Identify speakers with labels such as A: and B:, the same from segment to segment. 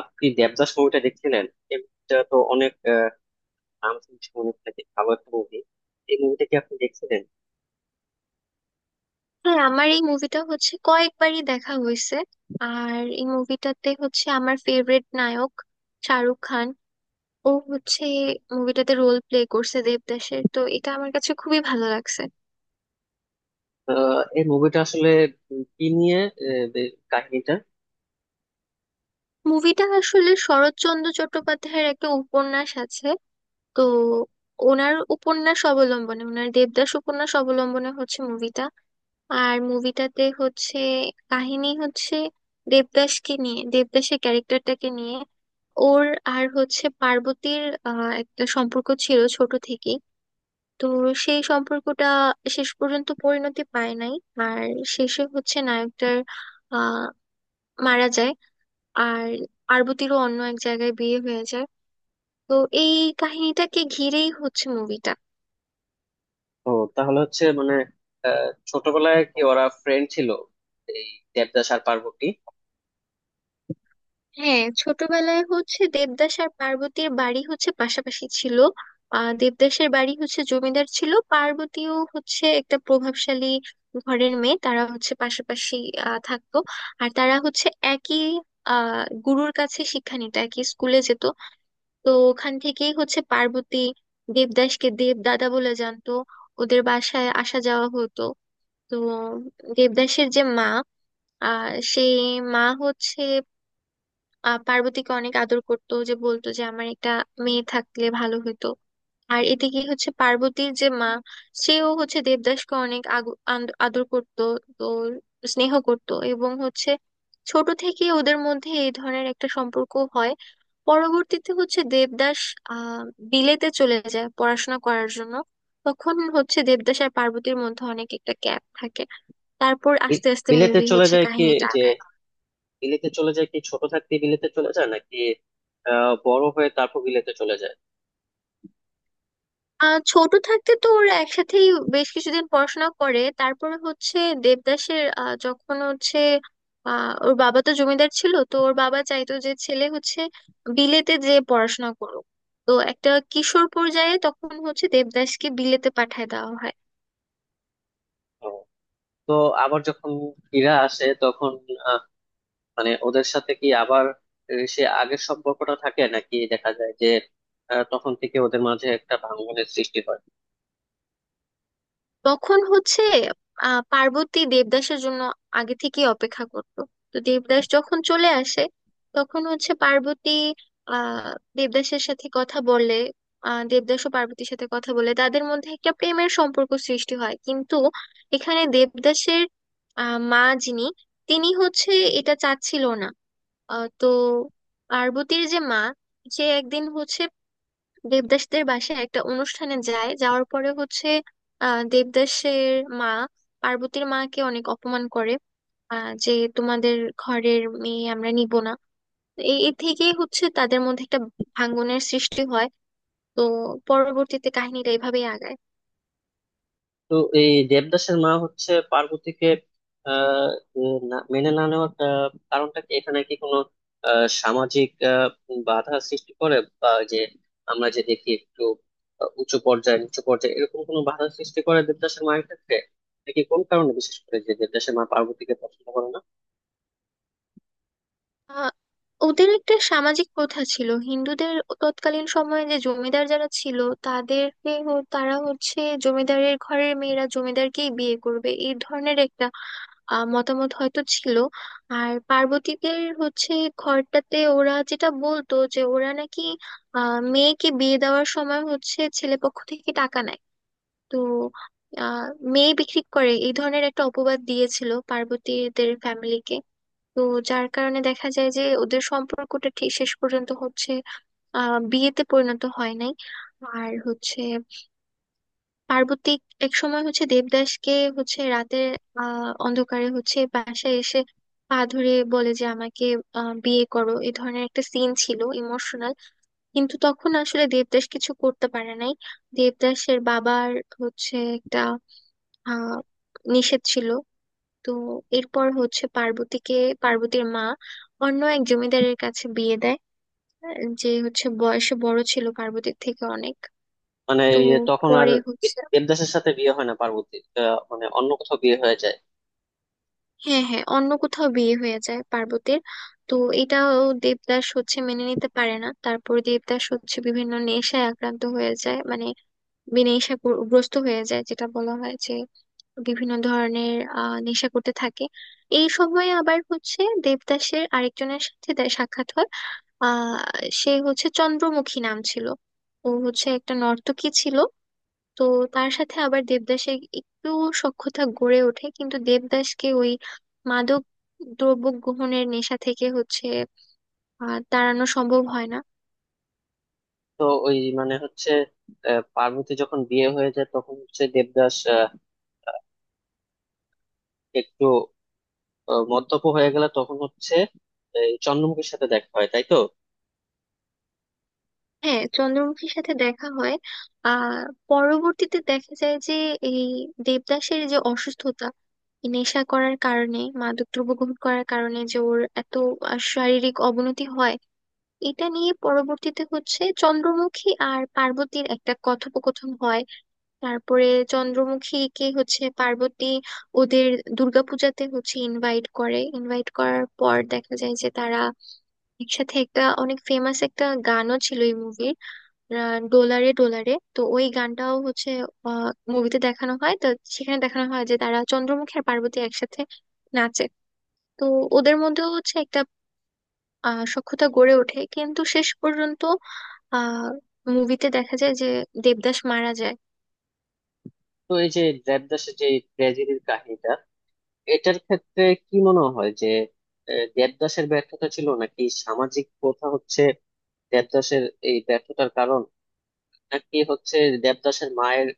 A: আপনি দেবদাস মুভিটা দেখছিলেন? এই মুভিটা তো অনেক নাম শুনছি, অনেক নাকি ভালো একটা মুভি। এই মুভিটা কি আপনি দেখছিলেন?
B: হ্যাঁ, আমার এই মুভিটা হচ্ছে কয়েকবারই দেখা হয়েছে। আর এই মুভিটাতে হচ্ছে আমার ফেভারিট নায়ক শাহরুখ খান। ও হচ্ছে মুভিটাতে রোল প্লে করছে দেবদাসের, তো এটা আমার কাছে খুবই ভালো লাগছে।
A: এই মুভিটা আসলে কি নিয়ে? কাহিনীটা?
B: মুভিটা আসলে শরৎচন্দ্র চট্টোপাধ্যায়ের একটা উপন্যাস আছে, তো ওনার উপন্যাস অবলম্বনে, ওনার দেবদাস উপন্যাস অবলম্বনে হচ্ছে মুভিটা। আর মুভিটাতে হচ্ছে কাহিনী হচ্ছে দেবদাসকে নিয়ে, দেবদাসের ক্যারেক্টারটাকে নিয়ে। ওর আর হচ্ছে পার্বতীর একটা সম্পর্ক ছিল ছোট থেকেই। তো সেই সম্পর্কটা শেষ পর্যন্ত পরিণতি পায় নাই। আর শেষে হচ্ছে নায়কটার আহ মারা যায়। আর পার্বতীরও অন্য এক জায়গায় বিয়ে হয়ে যায়। তো এই কাহিনীটাকে ঘিরেই হচ্ছে মুভিটা।
A: ও, তাহলে হচ্ছে মানে, ছোটবেলায় কি ওরা ফ্রেন্ড ছিল? এই দেবদাস আর পার্বতী?
B: হ্যাঁ, ছোটবেলায় হচ্ছে দেবদাস আর পার্বতীর বাড়ি হচ্ছে পাশাপাশি ছিল। দেবদাসের বাড়ি হচ্ছে জমিদার ছিল, পার্বতীও হচ্ছে একটা প্রভাবশালী ঘরের মেয়ে। তারা হচ্ছে পাশাপাশি থাকতো। আর তারা হচ্ছে একই গুরুর কাছে শিক্ষা নিত, একই স্কুলে যেত। তো ওখান থেকেই হচ্ছে পার্বতী দেবদাসকে দেব দাদা বলে জানতো, ওদের বাসায় আসা যাওয়া হতো। তো দেবদাসের যে মা, সেই মা হচ্ছে পার্বতীকে অনেক আদর করতো, যে বলতো যে আমার একটা মেয়ে থাকলে ভালো হতো। আর এদিকে হচ্ছে পার্বতীর যে মা, সেও হচ্ছে দেবদাসকে অনেক আদর করতো। তো স্নেহ করতো, এবং হচ্ছে ছোট থেকে ওদের মধ্যে এই ধরনের একটা সম্পর্ক হয়। পরবর্তীতে হচ্ছে দেবদাস আহ বিলেতে চলে যায় পড়াশোনা করার জন্য। তখন হচ্ছে দেবদাস আর পার্বতীর মধ্যে অনেক একটা গ্যাপ থাকে। তারপর আস্তে আস্তে
A: বিলেতে
B: মুভি
A: চলে
B: হচ্ছে
A: যায় কি,
B: কাহিনীটা
A: যে
B: আগায়।
A: বিলেতে চলে যায় কি ছোট থাকতে? বিলেতে চলে যায় নাকি বড় হয়ে তারপর বিলেতে চলে যায়?
B: ছোট থাকতে তো ওরা একসাথেই বেশ কিছুদিন পড়াশোনা করে, তারপরে হচ্ছে দেবদাসের, আহ, যখন হচ্ছে আহ, ওর বাবা তো জমিদার ছিল, তো ওর বাবা চাইতো যে ছেলে হচ্ছে বিলেতে যে পড়াশোনা করুক। তো একটা কিশোর পর্যায়ে তখন হচ্ছে দেবদাসকে বিলেতে পাঠায় দেওয়া হয়।
A: ও, তো আবার যখন ফিরে আসে তখন মানে ওদের সাথে কি আবার, সে আগের সম্পর্কটা থাকে, নাকি দেখা যায় যে তখন থেকে ওদের মাঝে একটা ভাঙ্গনের সৃষ্টি হয়?
B: তখন হচ্ছে পার্বতী দেবদাসের জন্য আগে থেকেই অপেক্ষা করত। তো দেবদাস যখন চলে আসে, তখন হচ্ছে পার্বতী আহ দেবদাসের সাথে কথা বলে। দেবদাস ও পার্বতীর সাথে কথা বলে, তাদের মধ্যে একটা প্রেমের সম্পর্ক সৃষ্টি হয়, কিন্তু এখানে দেবদাসের মা যিনি, তিনি হচ্ছে এটা চাচ্ছিল না। তো পার্বতীর যে মা, সে একদিন হচ্ছে দেবদাসদের বাসায় একটা অনুষ্ঠানে যায়, যাওয়ার পরে হচ্ছে দেবদাসের মা পার্বতীর মাকে অনেক অপমান করে। যে তোমাদের ঘরের মেয়ে আমরা নিব না। তো এই এ থেকেই হচ্ছে তাদের মধ্যে একটা ভাঙ্গনের সৃষ্টি হয়। তো পরবর্তীতে কাহিনীটা এভাবেই আগায়।
A: তো এই দেবদাসের মা হচ্ছে পার্বতীকে আহ মেনে না নেওয়ার কারণটা কি? এখানে কি কোনো সামাজিক বাধা সৃষ্টি করে, বা যে আমরা যে দেখি একটু উঁচু পর্যায়ে নিচু পর্যায়ে, এরকম কোনো বাধা সৃষ্টি করে দেবদাসের মায়ের ক্ষেত্রে? নাকি কোন কারণে বিশেষ করে যে দেবদাসের মা পার্বতীকে পছন্দ করে না?
B: আহ, ওদের একটা সামাজিক প্রথা ছিল হিন্দুদের, তৎকালীন সময়ে যে জমিদার যারা ছিল, তাদেরকে তারা হচ্ছে জমিদারের ঘরের মেয়েরা জমিদারকেই বিয়ে করবে, এই ধরনের একটা মতামত হয়তো ছিল। আর পার্বতীদের হচ্ছে ঘরটাতে, ওরা যেটা বলতো যে ওরা নাকি মেয়েকে বিয়ে দেওয়ার সময় হচ্ছে ছেলে পক্ষ থেকে টাকা নেয়। তো আহ মেয়ে বিক্রি করে, এই ধরনের একটা অপবাদ দিয়েছিল পার্বতীদের ফ্যামিলিকে। তো যার কারণে দেখা যায় যে ওদের সম্পর্কটা ঠিক শেষ পর্যন্ত হচ্ছে বিয়েতে পরিণত হয় নাই। আর হচ্ছে পার্বতী এক সময় হচ্ছে দেবদাসকে হচ্ছে রাতের অন্ধকারে হচ্ছে বাসায় এসে পা ধরে বলে যে আমাকে বিয়ে করো, এ ধরনের একটা সিন ছিল, ইমোশনাল। কিন্তু তখন আসলে দেবদাস কিছু করতে পারে নাই, দেবদাসের বাবার হচ্ছে একটা আহ নিষেধ ছিল। তো এরপর হচ্ছে পার্বতীকে, পার্বতীর মা অন্য এক জমিদারের কাছে বিয়ে দেয়, যে হচ্ছে বয়সে বড় ছিল পার্বতীর থেকে অনেক।
A: মানে
B: তো
A: এই তখন আর
B: পরে হচ্ছে,
A: দেবদাসের সাথে বিয়ে হয় না পার্বতী, মানে অন্য কোথাও বিয়ে হয়ে যায়?
B: হ্যাঁ হ্যাঁ, অন্য কোথাও বিয়ে হয়ে যায় পার্বতীর। তো এটাও দেবদাস হচ্ছে মেনে নিতে পারে না, তারপর দেবদাস হচ্ছে বিভিন্ন নেশায় আক্রান্ত হয়ে যায়, মানে নেশা গ্রস্ত হয়ে যায়, যেটা বলা হয় যে বিভিন্ন ধরনের নেশা করতে থাকে। এই সময় আবার হচ্ছে দেবদাসের আরেকজনের সাথে তার সাক্ষাৎ হয়। আহ সে হচ্ছে চন্দ্রমুখী নাম ছিল। ও হচ্ছে একটা নর্তকী ছিল। তো তার সাথে আবার দেবদাসের একটু সখ্যতা গড়ে ওঠে, কিন্তু দেবদাসকে ওই মাদক দ্রব্য গ্রহণের নেশা থেকে হচ্ছে তাড়ানো সম্ভব হয় না।
A: তো ওই মানে হচ্ছে পার্বতী যখন বিয়ে হয়ে যায় তখন হচ্ছে দেবদাস একটু মদ্যপ হয়ে গেলে তখন হচ্ছে এই চন্দ্রমুখীর সাথে দেখা হয়, তাই তো?
B: হ্যাঁ, চন্দ্রমুখীর সাথে দেখা হয়। আহ পরবর্তীতে দেখা যায় যে এই দেবদাসের যে অসুস্থতা, এই নেশা করার কারণে, মাদক দ্রব্য গ্রহণ করার কারণে, যে ওর এত শারীরিক অবনতি হয়। এটা নিয়ে পরবর্তীতে হচ্ছে চন্দ্রমুখী আর পার্বতীর একটা কথোপকথন হয়। তারপরে চন্দ্রমুখীকে হচ্ছে পার্বতী ওদের দুর্গাপূজাতে হচ্ছে ইনভাইট করে, ইনভাইট করার পর দেখা যায় যে তারা একসাথে, একটা অনেক ফেমাস একটা গানও ছিল এই মুভির, ডোলারে ডোলারে, তো ওই গানটাও হচ্ছে মুভিতে দেখানো হয়। তো সেখানে দেখানো হয় যে তারা চন্দ্রমুখী আর পার্বতী একসাথে নাচে। তো ওদের মধ্যেও হচ্ছে একটা সখ্যতা গড়ে ওঠে, কিন্তু শেষ পর্যন্ত আহ মুভিতে দেখা যায় যে দেবদাস মারা যায়।
A: তো এই যে দেবদাসের যে ট্র্যাজেডির কাহিনীটা, এটার ক্ষেত্রে কি মনে হয় যে দেবদাসের ব্যর্থতা ছিল, নাকি সামাজিক প্রথা হচ্ছে দেবদাসের এই ব্যর্থতার কারণ, নাকি হচ্ছে দেবদাসের মায়ের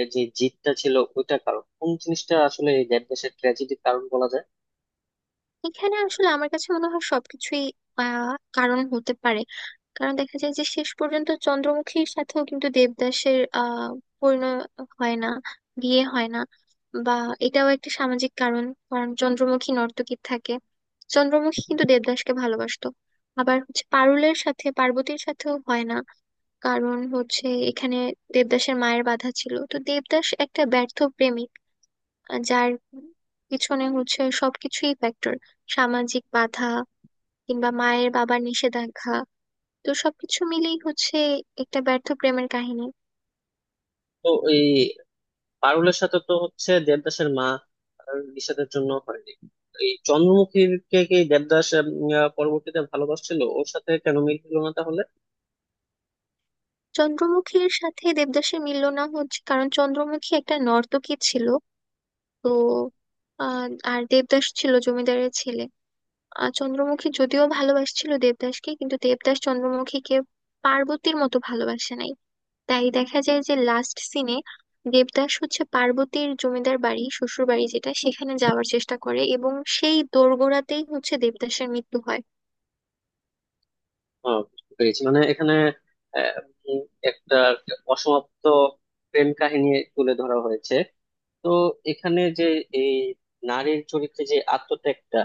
A: এই যে জিদটা ছিল ওইটা কারণ? কোন জিনিসটা আসলে এই দেবদাসের ট্র্যাজেডির কারণ বলা যায়?
B: এখানে আসলে আমার কাছে মনে হয় সবকিছুই আহ কারণ হতে পারে। কারণ দেখা যায় যে শেষ পর্যন্ত চন্দ্রমুখীর সাথেও কিন্তু দেবদাসের পরিণয় হয় না, বিয়ে হয় না। বা এটাও একটা সামাজিক কারণ, কারণ চন্দ্রমুখী নর্তকী থাকে। চন্দ্রমুখী কিন্তু দেবদাসকে ভালোবাসতো। আবার হচ্ছে পারুলের সাথে, পার্বতীর সাথেও হয় না, কারণ হচ্ছে এখানে দেবদাসের মায়ের বাধা ছিল। তো দেবদাস একটা ব্যর্থ প্রেমিক, যার পিছনে হচ্ছে সবকিছুই ফ্যাক্টর, সামাজিক বাধা কিংবা মায়ের বাবার নিষেধাজ্ঞা। তো সবকিছু মিলেই হচ্ছে একটা ব্যর্থ প্রেমের কাহিনী।
A: তো এই পারুলের সাথে তো হচ্ছে দেবদাসের মা আর বিষাদের জন্য হয়নি। এই চন্দ্রমুখীর কে কি দেবদাস পরবর্তীতে ভালোবাসছিল? ওর সাথে কেন মিল হলো না তাহলে?
B: চন্দ্রমুখীর সাথে দেবদাসের মিলল না, হচ্ছে কারণ চন্দ্রমুখী একটা নর্তকী ছিল। তো আহ, আর দেবদাস ছিল জমিদারের ছেলে। আর চন্দ্রমুখী যদিও ভালোবাসছিল দেবদাসকে, কিন্তু দেবদাস চন্দ্রমুখীকে পার্বতীর মতো ভালোবাসে নাই। তাই দেখা যায় যে লাস্ট সিনে দেবদাস হচ্ছে পার্বতীর জমিদার বাড়ি, শ্বশুর বাড়ি যেটা, সেখানে যাওয়ার চেষ্টা করে, এবং সেই দোরগোড়াতেই হচ্ছে দেবদাসের মৃত্যু হয়।
A: বুঝতে পেরেছি, মানে এখানে আহ, উম, একটা অসমাপ্ত প্রেম কাহিনী তুলে ধরা হয়েছে। তো এখানে যে এই নারীর চরিত্রে যে আত্মত্যাগটা,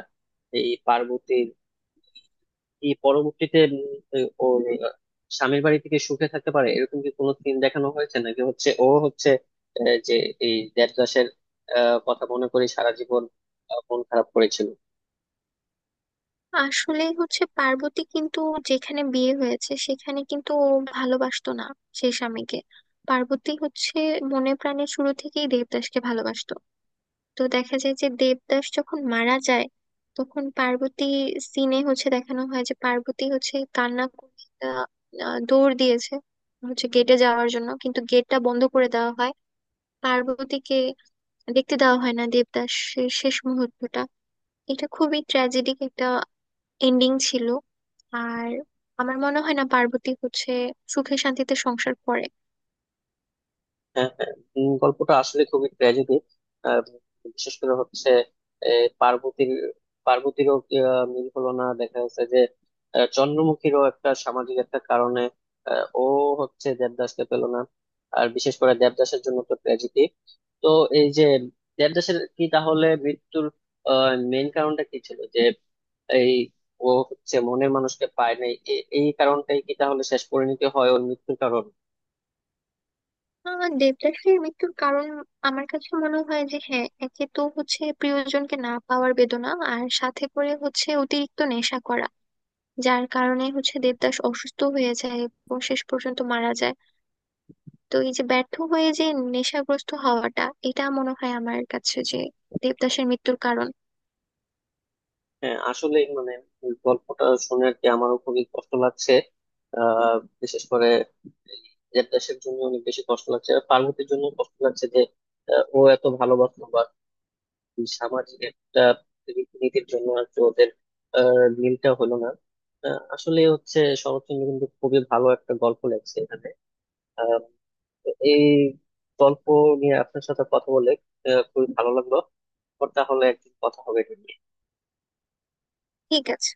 A: এই পার্বতী এই পরবর্তীতে ওর স্বামীর বাড়ি থেকে সুখে থাকতে পারে, এরকম কি কোনো সিন দেখানো হয়েছে? নাকি হচ্ছে ও হচ্ছে যে এই দেবদাসের কথা মনে করে সারা জীবন মন খারাপ করেছিল?
B: আসলে হচ্ছে পার্বতী কিন্তু যেখানে বিয়ে হয়েছে সেখানে কিন্তু ও ভালোবাসতো না সেই স্বামীকে। পার্বতী হচ্ছে মনে প্রাণে শুরু থেকেই দেবদাসকে ভালোবাসতো। তো দেখা যায় যে দেবদাস যখন মারা যায় তখন পার্বতী, সিনে হচ্ছে দেখানো হয় যে পার্বতী হচ্ছে কান্না করে একটা, আহ, দৌড় দিয়েছে হচ্ছে গেটে যাওয়ার জন্য, কিন্তু গেটটা বন্ধ করে দেওয়া হয়। পার্বতীকে দেখতে দেওয়া হয় না দেবদাসের শেষ মুহূর্তটা। এটা খুবই ট্র্যাজেডিক একটা এন্ডিং ছিল। আর আমার মনে হয় না পার্বতী হচ্ছে সুখে শান্তিতে সংসার করে।
A: হ্যাঁ, হ্যাঁ। গল্পটা আসলে খুবই ট্র্যাজেডি, বিশেষ করে হচ্ছে এ, পার্বতীর। পার্বতীরও কি মিল হলো না দেখা যাচ্ছে যে চন্দ্রমুখীরও একটা সামাজিক একটা কারণে ও হচ্ছে দেবদাসকে পেল না। আর বিশেষ করে দেবদাসের জন্য তো ট্র্যাজেডি। তো এই যে দেবদাসের কি তাহলে মৃত্যুর মেইন কারণটা কি ছিল? যে এই ও হচ্ছে মনের মানুষকে পায় নাই, এই কারণটাই কি তাহলে শেষ পরিণতি হয় ওর মৃত্যুর কারণ?
B: দেবদাসের মৃত্যুর কারণ আমার কাছে মনে হয় যে, হ্যাঁ, একে তো হচ্ছে প্রিয়জনকে না পাওয়ার বেদনা, আর সাথে করে হচ্ছে অতিরিক্ত নেশা করা, যার কারণে হচ্ছে দেবদাস অসুস্থ হয়ে যায় এবং শেষ পর্যন্ত মারা যায়। তো এই যে ব্যর্থ হয়ে যে নেশাগ্রস্ত হওয়াটা, এটা মনে হয় আমার কাছে যে দেবদাসের মৃত্যুর কারণ।
A: হ্যাঁ, আসলে মানে এই গল্পটা শুনে আর কি আমারও খুবই কষ্ট লাগছে। আহ বিশেষ করে এই নিজের দেশের জন্য অনেক বেশি কষ্ট লাগছে, আর পার্বতীর জন্য কষ্ট লাগছে যে ও এত ভালোবাসলো, বা এই সামাজিক একটা রীতিনীতির জন্য আর কি ওদের মিলটা হলো না। আসলে হচ্ছে শরৎচন্দ্র কিন্তু খুবই ভালো একটা গল্প লেখছে এখানে। আহ, এই গল্প নিয়ে আপনার সাথে কথা বলে খুবই ভালো লাগলো। তাহলে একদিন কথা হবে এটা নিয়ে।
B: ঠিক আছে।